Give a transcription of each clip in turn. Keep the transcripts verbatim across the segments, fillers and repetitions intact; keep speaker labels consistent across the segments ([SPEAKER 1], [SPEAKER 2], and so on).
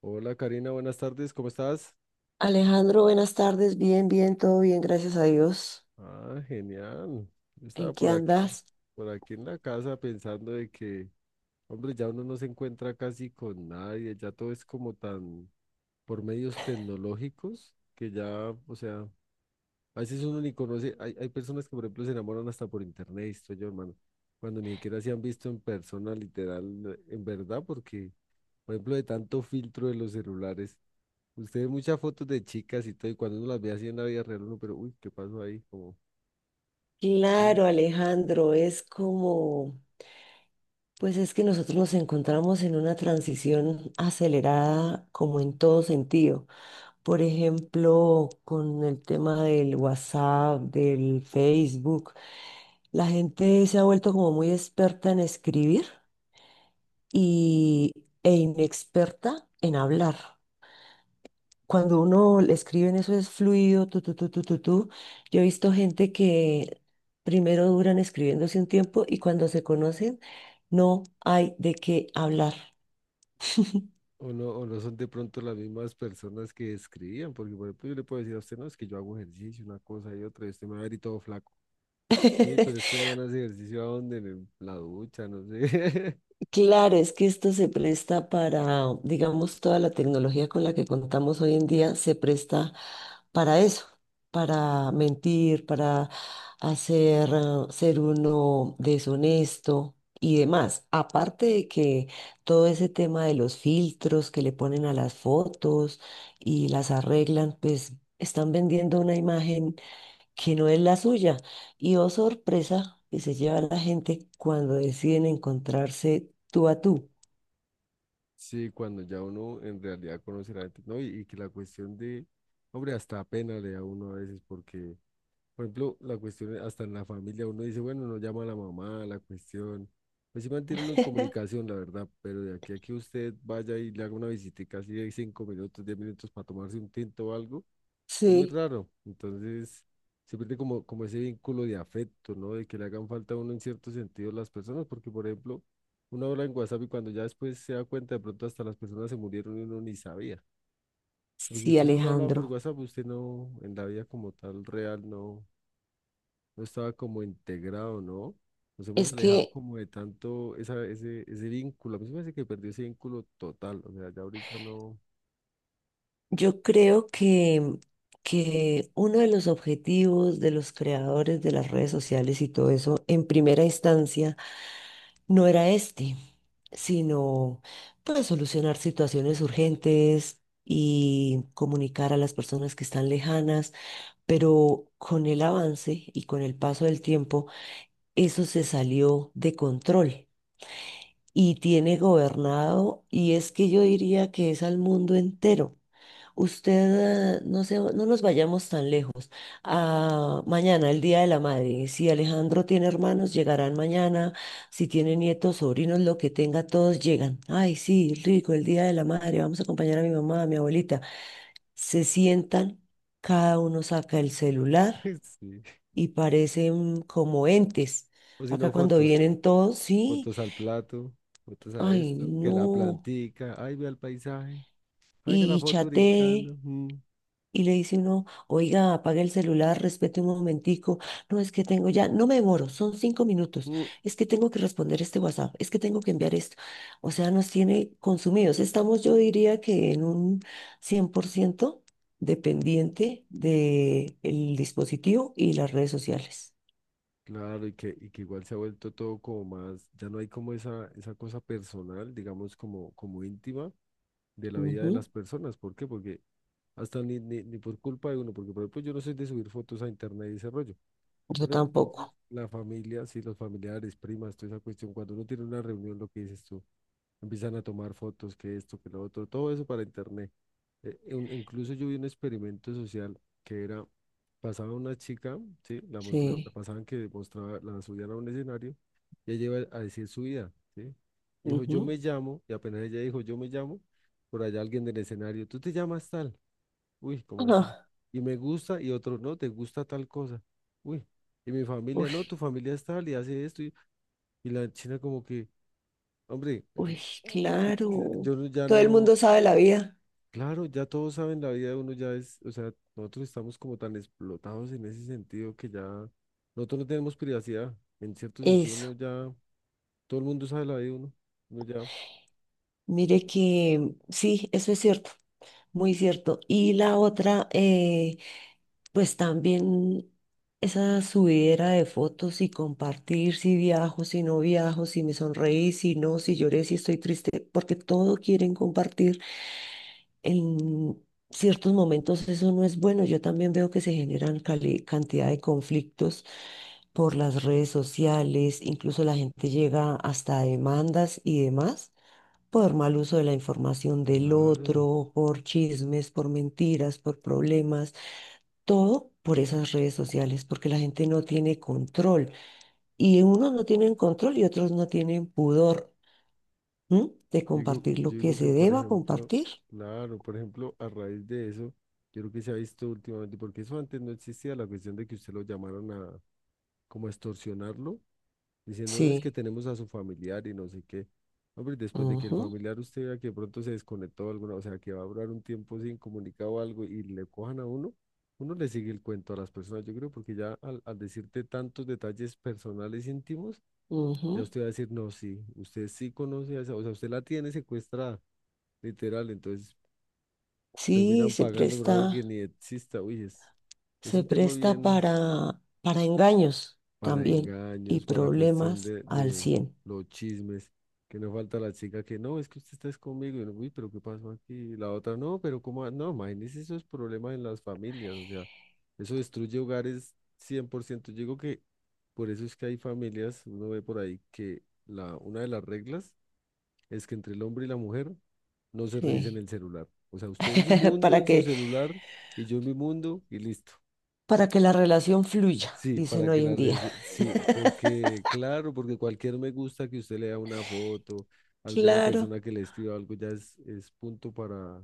[SPEAKER 1] Hola Karina, buenas tardes, ¿cómo estás?
[SPEAKER 2] Alejandro, buenas tardes. Bien, bien, todo bien, gracias a Dios.
[SPEAKER 1] Ah, genial. Yo estaba
[SPEAKER 2] ¿En qué
[SPEAKER 1] por aquí,
[SPEAKER 2] andas?
[SPEAKER 1] por aquí en la casa pensando de que, hombre, ya uno no se encuentra casi con nadie, ya todo es como tan por medios tecnológicos que ya, o sea, a veces uno ni conoce, hay, hay personas que por ejemplo se enamoran hasta por internet, estoy yo, hermano, cuando ni siquiera se han visto en persona, literal, en verdad, porque, por ejemplo, de tanto filtro de los celulares. Usted ve muchas fotos de chicas y todo, y cuando uno las ve así en la vida real, uno, pero uy, ¿qué pasó ahí? Como, ¿sí?
[SPEAKER 2] Claro, Alejandro, es como, pues es que nosotros nos encontramos en una transición acelerada como en todo sentido. Por ejemplo, con el tema del WhatsApp, del Facebook, la gente se ha vuelto como muy experta en escribir y, e inexperta en hablar. Cuando uno le escribe en eso es fluido, tú, tú, tú, tú, tú, tú. Yo he visto gente que primero duran escribiéndose un tiempo y cuando se conocen no hay de qué hablar.
[SPEAKER 1] O no, o no son de pronto las mismas personas que escribían, porque por ejemplo yo le puedo decir a usted, no, es que yo hago ejercicio, una cosa y otra, y usted me va a ver y todo flaco. Sí, uy, pero este man hace ejercicio a dónde, en el- la ducha, no sé.
[SPEAKER 2] Claro, es que esto se presta para, digamos, toda la tecnología con la que contamos hoy en día se presta para eso, para mentir, para hacer, eh, ser uno deshonesto y demás. Aparte de que todo ese tema de los filtros que le ponen a las fotos y las arreglan, pues están vendiendo una imagen que no es la suya. Y oh sorpresa que se lleva la gente cuando deciden encontrarse tú a tú.
[SPEAKER 1] Sí, cuando ya uno en realidad conoce a la gente, ¿no? Y, y que la cuestión de, hombre, hasta pena le da a uno a veces, porque, por ejemplo, la cuestión, hasta en la familia, uno dice, bueno, no llama a la mamá, la cuestión. Pues sí mantiene uno en comunicación, la verdad, pero de aquí a que usted vaya y le haga una visitica así de cinco minutos, diez minutos para tomarse un tinto o algo, es muy
[SPEAKER 2] Sí,
[SPEAKER 1] raro. Entonces, se pierde como, como ese vínculo de afecto, ¿no? De que le hagan falta a uno en cierto sentido las personas, porque, por ejemplo, uno habla en WhatsApp y cuando ya después se da cuenta, de pronto hasta las personas se murieron y uno ni sabía. Porque
[SPEAKER 2] sí,
[SPEAKER 1] usted solo hablaba por
[SPEAKER 2] Alejandro.
[SPEAKER 1] WhatsApp, usted no, en la vida como tal real, no, no estaba como integrado, ¿no? Nos hemos
[SPEAKER 2] Es
[SPEAKER 1] alejado
[SPEAKER 2] que
[SPEAKER 1] como de tanto esa, ese, ese vínculo. A mí se me hace que perdió ese vínculo total. O sea, ya ahorita no.
[SPEAKER 2] yo creo que, que uno de los objetivos de los creadores de las redes sociales y todo eso, en primera instancia, no era este, sino pues solucionar situaciones urgentes y comunicar a las personas que están lejanas. Pero con el avance y con el paso del tiempo, eso se salió de control y tiene gobernado, y es que yo diría que es al mundo entero. Usted, eh, no se- no nos vayamos tan lejos. Ah, mañana, el Día de la Madre. Si Alejandro tiene hermanos, llegarán mañana. Si tiene nietos, sobrinos, lo que tenga, todos llegan. Ay, sí, rico, el Día de la Madre. Vamos a acompañar a mi mamá, a mi abuelita. Se sientan, cada uno saca el celular
[SPEAKER 1] Sí.
[SPEAKER 2] y parecen como entes.
[SPEAKER 1] O si
[SPEAKER 2] Acá
[SPEAKER 1] no,
[SPEAKER 2] cuando
[SPEAKER 1] fotos.
[SPEAKER 2] vienen todos, sí,
[SPEAKER 1] Fotos al plato, fotos a
[SPEAKER 2] ay,
[SPEAKER 1] esto, que la
[SPEAKER 2] no.
[SPEAKER 1] plantica. Ay, vea el paisaje. Oiga la
[SPEAKER 2] Y
[SPEAKER 1] foto
[SPEAKER 2] chateé
[SPEAKER 1] brincando. Mm,
[SPEAKER 2] y le dice uno, oiga, apague el celular, respete un momentico. No, es que tengo ya, no me demoro, son cinco minutos.
[SPEAKER 1] mm.
[SPEAKER 2] Es que tengo que responder este WhatsApp, es que tengo que enviar esto. O sea, nos tiene consumidos. Estamos, yo diría que en un cien por ciento dependiente del dispositivo y las redes sociales.
[SPEAKER 1] Claro, y que, y que igual se ha vuelto todo como más, ya no hay como esa, esa cosa personal, digamos, como, como íntima de la vida de
[SPEAKER 2] Ujú.
[SPEAKER 1] las personas. ¿Por qué? Porque hasta ni, ni, ni por culpa de uno, porque por ejemplo yo no soy de subir fotos a internet y ese rollo,
[SPEAKER 2] Yo
[SPEAKER 1] pero entonces
[SPEAKER 2] tampoco,
[SPEAKER 1] la familia, sí, los familiares, primas, toda esa cuestión, cuando uno tiene una reunión, lo que dices tú, empiezan a tomar fotos, que esto, que lo otro, todo eso para internet. Eh, un- incluso yo vi un experimento social que era, pasaba una chica, sí, la, mos- la, la
[SPEAKER 2] sí.
[SPEAKER 1] pasaban que mostraba, la subían a un escenario y ella iba a decir su vida, sí. Dijo, yo
[SPEAKER 2] Ujú.
[SPEAKER 1] me llamo, y apenas ella dijo, yo me llamo, por allá alguien del escenario, tú te llamas tal. Uy, ¿cómo así?
[SPEAKER 2] Ajá.
[SPEAKER 1] Y me gusta y otro no, te gusta tal cosa. Uy, y mi familia,
[SPEAKER 2] Uy,
[SPEAKER 1] no, tu familia es tal y hace esto. Y, y la china como que, hombre, eh,
[SPEAKER 2] uy,
[SPEAKER 1] que- que
[SPEAKER 2] claro.
[SPEAKER 1] yo no- ya
[SPEAKER 2] Todo el
[SPEAKER 1] no,
[SPEAKER 2] mundo sabe la vida.
[SPEAKER 1] claro, ya todos saben la vida de uno, ya es, o sea, nosotros estamos como tan explotados en ese sentido que ya, nosotros no tenemos privacidad. En cierto sentido,
[SPEAKER 2] Eso.
[SPEAKER 1] uno ya, todo el mundo sabe la vida de uno. Uno ya,
[SPEAKER 2] Mire que sí, eso es cierto, muy cierto. Y la otra, eh, pues también esa subidera de fotos y compartir si viajo, si no viajo, si me sonreí, si no, si lloré, si estoy triste, porque todo quieren compartir. En ciertos momentos eso no es bueno. Yo también veo que se generan cali- cantidad de conflictos por las redes sociales, incluso la gente llega hasta a demandas y demás por mal uso de la información del
[SPEAKER 1] claro.
[SPEAKER 2] otro, por chismes, por mentiras, por problemas, todo por esas redes sociales, porque la gente no tiene control y unos no tienen control y otros no tienen pudor, ¿m? De
[SPEAKER 1] Yo digo,
[SPEAKER 2] compartir
[SPEAKER 1] yo
[SPEAKER 2] lo que
[SPEAKER 1] digo que,
[SPEAKER 2] se
[SPEAKER 1] por
[SPEAKER 2] deba
[SPEAKER 1] ejemplo,
[SPEAKER 2] compartir.
[SPEAKER 1] claro, por ejemplo, a raíz de eso, yo creo que se ha visto últimamente, porque eso antes no existía, la cuestión de que usted lo llamaran a como a extorsionarlo, diciendo, no, es que
[SPEAKER 2] Sí.
[SPEAKER 1] tenemos a su familiar y no sé qué. Hombre, después de que el
[SPEAKER 2] Ujú,
[SPEAKER 1] familiar usted vea que de pronto se desconectó alguna, o sea, que va a durar un tiempo sin comunicado o algo y le cojan a uno, uno le sigue el cuento a las personas, yo creo, porque ya al, al decirte tantos detalles personales íntimos, ya
[SPEAKER 2] ujú.
[SPEAKER 1] usted va a decir, no, sí, usted sí conoce a esa, o sea, usted la tiene secuestrada literal, entonces
[SPEAKER 2] Sí,
[SPEAKER 1] terminan
[SPEAKER 2] se
[SPEAKER 1] pagando por
[SPEAKER 2] presta.
[SPEAKER 1] algo que ni exista. Uy, es, es
[SPEAKER 2] Se
[SPEAKER 1] un tema
[SPEAKER 2] presta
[SPEAKER 1] bien
[SPEAKER 2] para, para engaños
[SPEAKER 1] para
[SPEAKER 2] también y
[SPEAKER 1] engaños, para la cuestión
[SPEAKER 2] problemas
[SPEAKER 1] de,
[SPEAKER 2] al
[SPEAKER 1] de
[SPEAKER 2] cien.
[SPEAKER 1] los chismes, que no falta la chica que no, es que usted está conmigo, y uno, uy, pero ¿qué pasó aquí? Y la otra, no, pero ¿cómo? Va-?". No, imagínese esos problemas en las familias, o sea, eso destruye hogares cien por ciento. Yo digo que por eso es que hay familias, uno ve por ahí que la, una de las reglas es que entre el hombre y la mujer no se revisen
[SPEAKER 2] Sí.
[SPEAKER 1] el celular. O sea, usted en su mundo,
[SPEAKER 2] Para
[SPEAKER 1] en su
[SPEAKER 2] que,
[SPEAKER 1] celular, y yo en mi mundo, y listo.
[SPEAKER 2] para que la relación fluya,
[SPEAKER 1] Sí,
[SPEAKER 2] dicen
[SPEAKER 1] para que
[SPEAKER 2] hoy en
[SPEAKER 1] la
[SPEAKER 2] día.
[SPEAKER 1] red, sí, porque claro, porque cualquier me gusta que usted lea una foto, alguna
[SPEAKER 2] Claro.
[SPEAKER 1] persona que le escriba algo ya es, es punto para,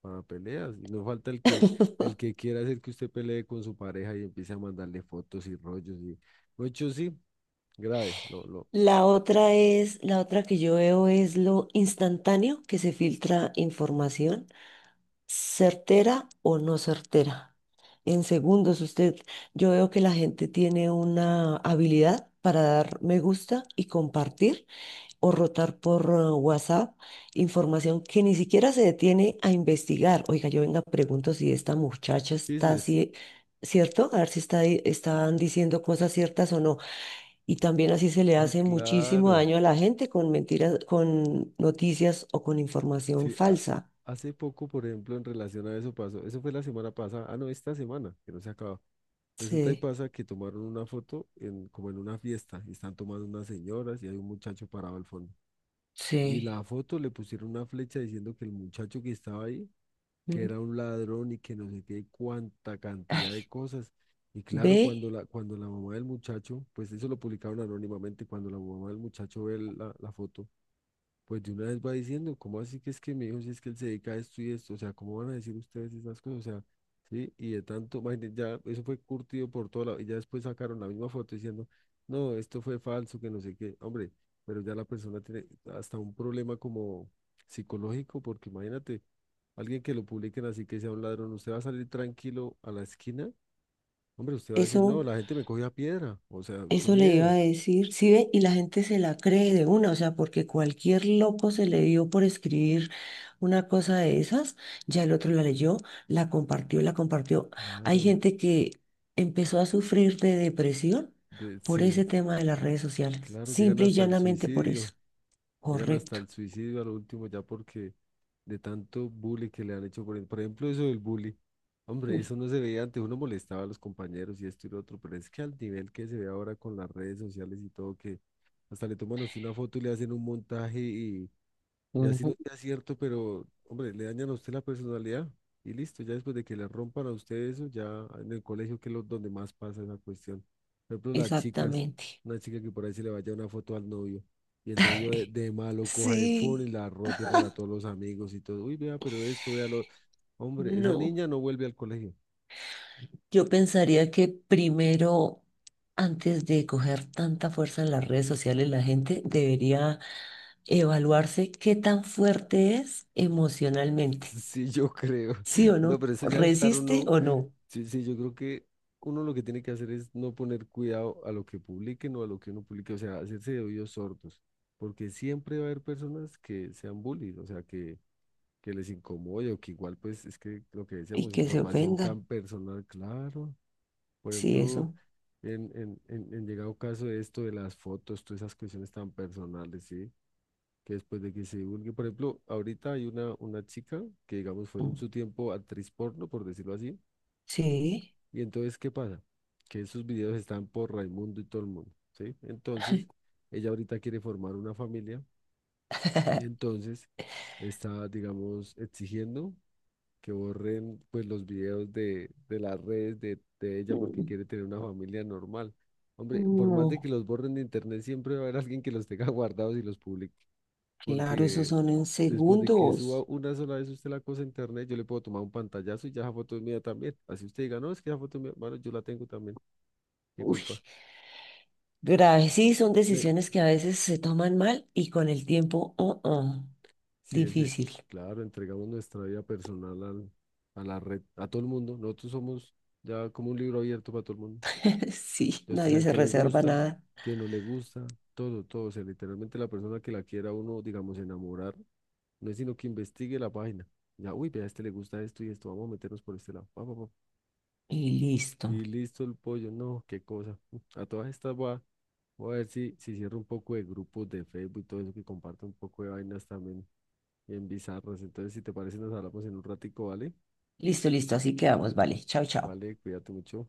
[SPEAKER 1] para peleas. Y no falta el que, el que quiera hacer que usted pelee con su pareja y empiece a mandarle fotos y rollos y mucho sí, grave, lo, lo,
[SPEAKER 2] La otra es, la otra que yo veo es lo instantáneo que se filtra información, certera o no certera. En segundos, usted, yo veo que la gente tiene una habilidad para dar me gusta y compartir o rotar por uh, WhatsApp información que ni siquiera se detiene a investigar. Oiga, yo venga, pregunto si esta muchacha está
[SPEAKER 1] chismes.
[SPEAKER 2] así, ¿cierto? A ver si está, di- están diciendo cosas ciertas o no. Y también así se le
[SPEAKER 1] Uy,
[SPEAKER 2] hace muchísimo
[SPEAKER 1] claro.
[SPEAKER 2] daño a la gente con mentiras, con noticias o con información
[SPEAKER 1] Sí, ha-
[SPEAKER 2] falsa.
[SPEAKER 1] hace poco, por ejemplo, en relación a eso pasó, eso fue la semana pasada, ah, no, esta semana, que no se acaba. Resulta y
[SPEAKER 2] Sí,
[SPEAKER 1] pasa que tomaron una foto en, como en una fiesta, y están tomando unas señoras y hay un muchacho parado al fondo. Y
[SPEAKER 2] sí.
[SPEAKER 1] la foto le pusieron una flecha diciendo que el muchacho que estaba ahí, que
[SPEAKER 2] Mm,
[SPEAKER 1] era un ladrón y que no sé qué, cuánta cantidad de
[SPEAKER 2] ay,
[SPEAKER 1] cosas. Y claro,
[SPEAKER 2] ve
[SPEAKER 1] cuando la, cuando la mamá del muchacho, pues eso lo publicaron anónimamente, cuando la mamá del muchacho ve la la foto pues de una vez va diciendo, ¿cómo así que es que mi hijo, si es que él se dedica a esto y esto? O sea, ¿cómo van a decir ustedes esas cosas? O sea, sí, y de tanto, imagínate, ya eso fue curtido por todo lado, y ya después sacaron la misma foto diciendo, no, esto fue falso, que no sé qué. Hombre, pero ya la persona tiene hasta un problema como psicológico, porque imagínate, alguien que lo publiquen así que sea un ladrón, usted va a salir tranquilo a la esquina, hombre, usted va a decir, no,
[SPEAKER 2] eso.
[SPEAKER 1] la gente me cogió a piedra, o sea, qué
[SPEAKER 2] Eso le iba
[SPEAKER 1] miedo.
[SPEAKER 2] a decir, sí ve, y la gente se la cree de una, o sea, porque cualquier loco se le dio por escribir una cosa de esas, ya el otro la leyó, la compartió, la compartió. Hay
[SPEAKER 1] Claro,
[SPEAKER 2] gente que empezó a sufrir de depresión
[SPEAKER 1] de,
[SPEAKER 2] por
[SPEAKER 1] sí,
[SPEAKER 2] ese tema de las redes sociales,
[SPEAKER 1] claro, llegan
[SPEAKER 2] simple y
[SPEAKER 1] hasta el
[SPEAKER 2] llanamente por
[SPEAKER 1] suicidio.
[SPEAKER 2] eso.
[SPEAKER 1] Llegan hasta
[SPEAKER 2] Correcto.
[SPEAKER 1] el suicidio a lo último ya porque de tanto bullying que le han hecho. Por, por ejemplo, eso del bullying. Hombre,
[SPEAKER 2] Mm,
[SPEAKER 1] eso no se veía antes. Uno molestaba a los compañeros y esto y lo otro, pero es que al nivel que se ve ahora con las redes sociales y todo, que hasta le toman a usted una foto y le hacen un montaje y, y así no
[SPEAKER 2] ujú.
[SPEAKER 1] sea cierto, pero, hombre, le dañan a usted la personalidad y listo. Ya después de que le rompan a usted eso, ya en el colegio que es lo- donde más pasa esa cuestión. Por ejemplo, las chicas,
[SPEAKER 2] Exactamente.
[SPEAKER 1] una chica que por ahí se le vaya una foto al novio y el novio de, de malo coja el phone y
[SPEAKER 2] Sí,
[SPEAKER 1] la rote para todos los amigos y todo. Uy, vea, pero esto, vea lo... Hombre, esa
[SPEAKER 2] no.
[SPEAKER 1] niña no vuelve al colegio.
[SPEAKER 2] Yo pensaría que primero, antes de coger tanta fuerza en las redes sociales, la gente debería evaluarse qué tan fuerte es emocionalmente.
[SPEAKER 1] Sí, yo creo.
[SPEAKER 2] ¿Sí o no?
[SPEAKER 1] No, pero eso ya es estar
[SPEAKER 2] ¿Resiste
[SPEAKER 1] uno.
[SPEAKER 2] o no?
[SPEAKER 1] Sí, sí, yo creo que uno lo que tiene que hacer es no poner cuidado a lo que publiquen o a lo que uno publique, o sea, hacerse de oídos sordos, porque siempre va a haber personas que sean bullies, o sea, que, que les incomode o que igual, pues, es que lo que
[SPEAKER 2] Y
[SPEAKER 1] decíamos,
[SPEAKER 2] que se
[SPEAKER 1] información
[SPEAKER 2] ofendan.
[SPEAKER 1] tan personal, claro. Por
[SPEAKER 2] Sí,
[SPEAKER 1] ejemplo,
[SPEAKER 2] eso.
[SPEAKER 1] en, en, en, en llegado caso de esto de las fotos, todas esas cuestiones tan personales, ¿sí? Que después de que se divulgue, por ejemplo, ahorita hay una, una chica que, digamos, fue en
[SPEAKER 2] Mm,
[SPEAKER 1] su tiempo actriz porno, por decirlo así
[SPEAKER 2] sí.
[SPEAKER 1] y entonces, ¿qué pasa? Que esos videos están por Raimundo y todo el mundo, ¿sí? Entonces, ella ahorita quiere formar una familia y entonces está, digamos, exigiendo que borren pues los videos de, de las redes de, de ella porque
[SPEAKER 2] Mm,
[SPEAKER 1] quiere tener una familia normal. Hombre, por más de que
[SPEAKER 2] no,
[SPEAKER 1] los borren de internet, siempre va a haber alguien que los tenga guardados y los publique,
[SPEAKER 2] claro, esos
[SPEAKER 1] porque
[SPEAKER 2] son en
[SPEAKER 1] después de que suba
[SPEAKER 2] segundos.
[SPEAKER 1] una sola vez usted la cosa a internet, yo le puedo tomar un pantallazo y ya esa foto es mía también. Así usted diga, no, es que esa foto es mía, bueno, yo la tengo también. ¿Qué
[SPEAKER 2] Uy,
[SPEAKER 1] culpa?
[SPEAKER 2] graves. Sí, son
[SPEAKER 1] Le,
[SPEAKER 2] decisiones que a veces se toman mal y con el tiempo, oh, oh,
[SPEAKER 1] sí, ese,
[SPEAKER 2] difícil.
[SPEAKER 1] claro, entregamos nuestra vida personal al- a la red, a todo el mundo. Nosotros somos ya como un libro abierto para todo el mundo.
[SPEAKER 2] Sí,
[SPEAKER 1] Ya ustedes
[SPEAKER 2] nadie
[SPEAKER 1] saben
[SPEAKER 2] se
[SPEAKER 1] qué le
[SPEAKER 2] reserva
[SPEAKER 1] gusta,
[SPEAKER 2] nada.
[SPEAKER 1] qué no le gusta, todo, todo. O sea, literalmente la persona que la quiera uno, digamos, enamorar, no es sino que investigue la página. Ya, uy, vea, a este le gusta esto y esto, vamos a meternos por este lado. Pa, pa, pa.
[SPEAKER 2] Y listo.
[SPEAKER 1] Y listo el pollo, no, qué cosa. A todas estas voy a, voy a ver si, si cierro un poco de grupos de Facebook y todo eso que comparto un poco de vainas también bien bizarros. Entonces, si te parece, nos hablamos en un ratico, ¿vale?
[SPEAKER 2] Listo, listo. Así quedamos. Vale. Chao, chao.
[SPEAKER 1] Vale, cuídate mucho.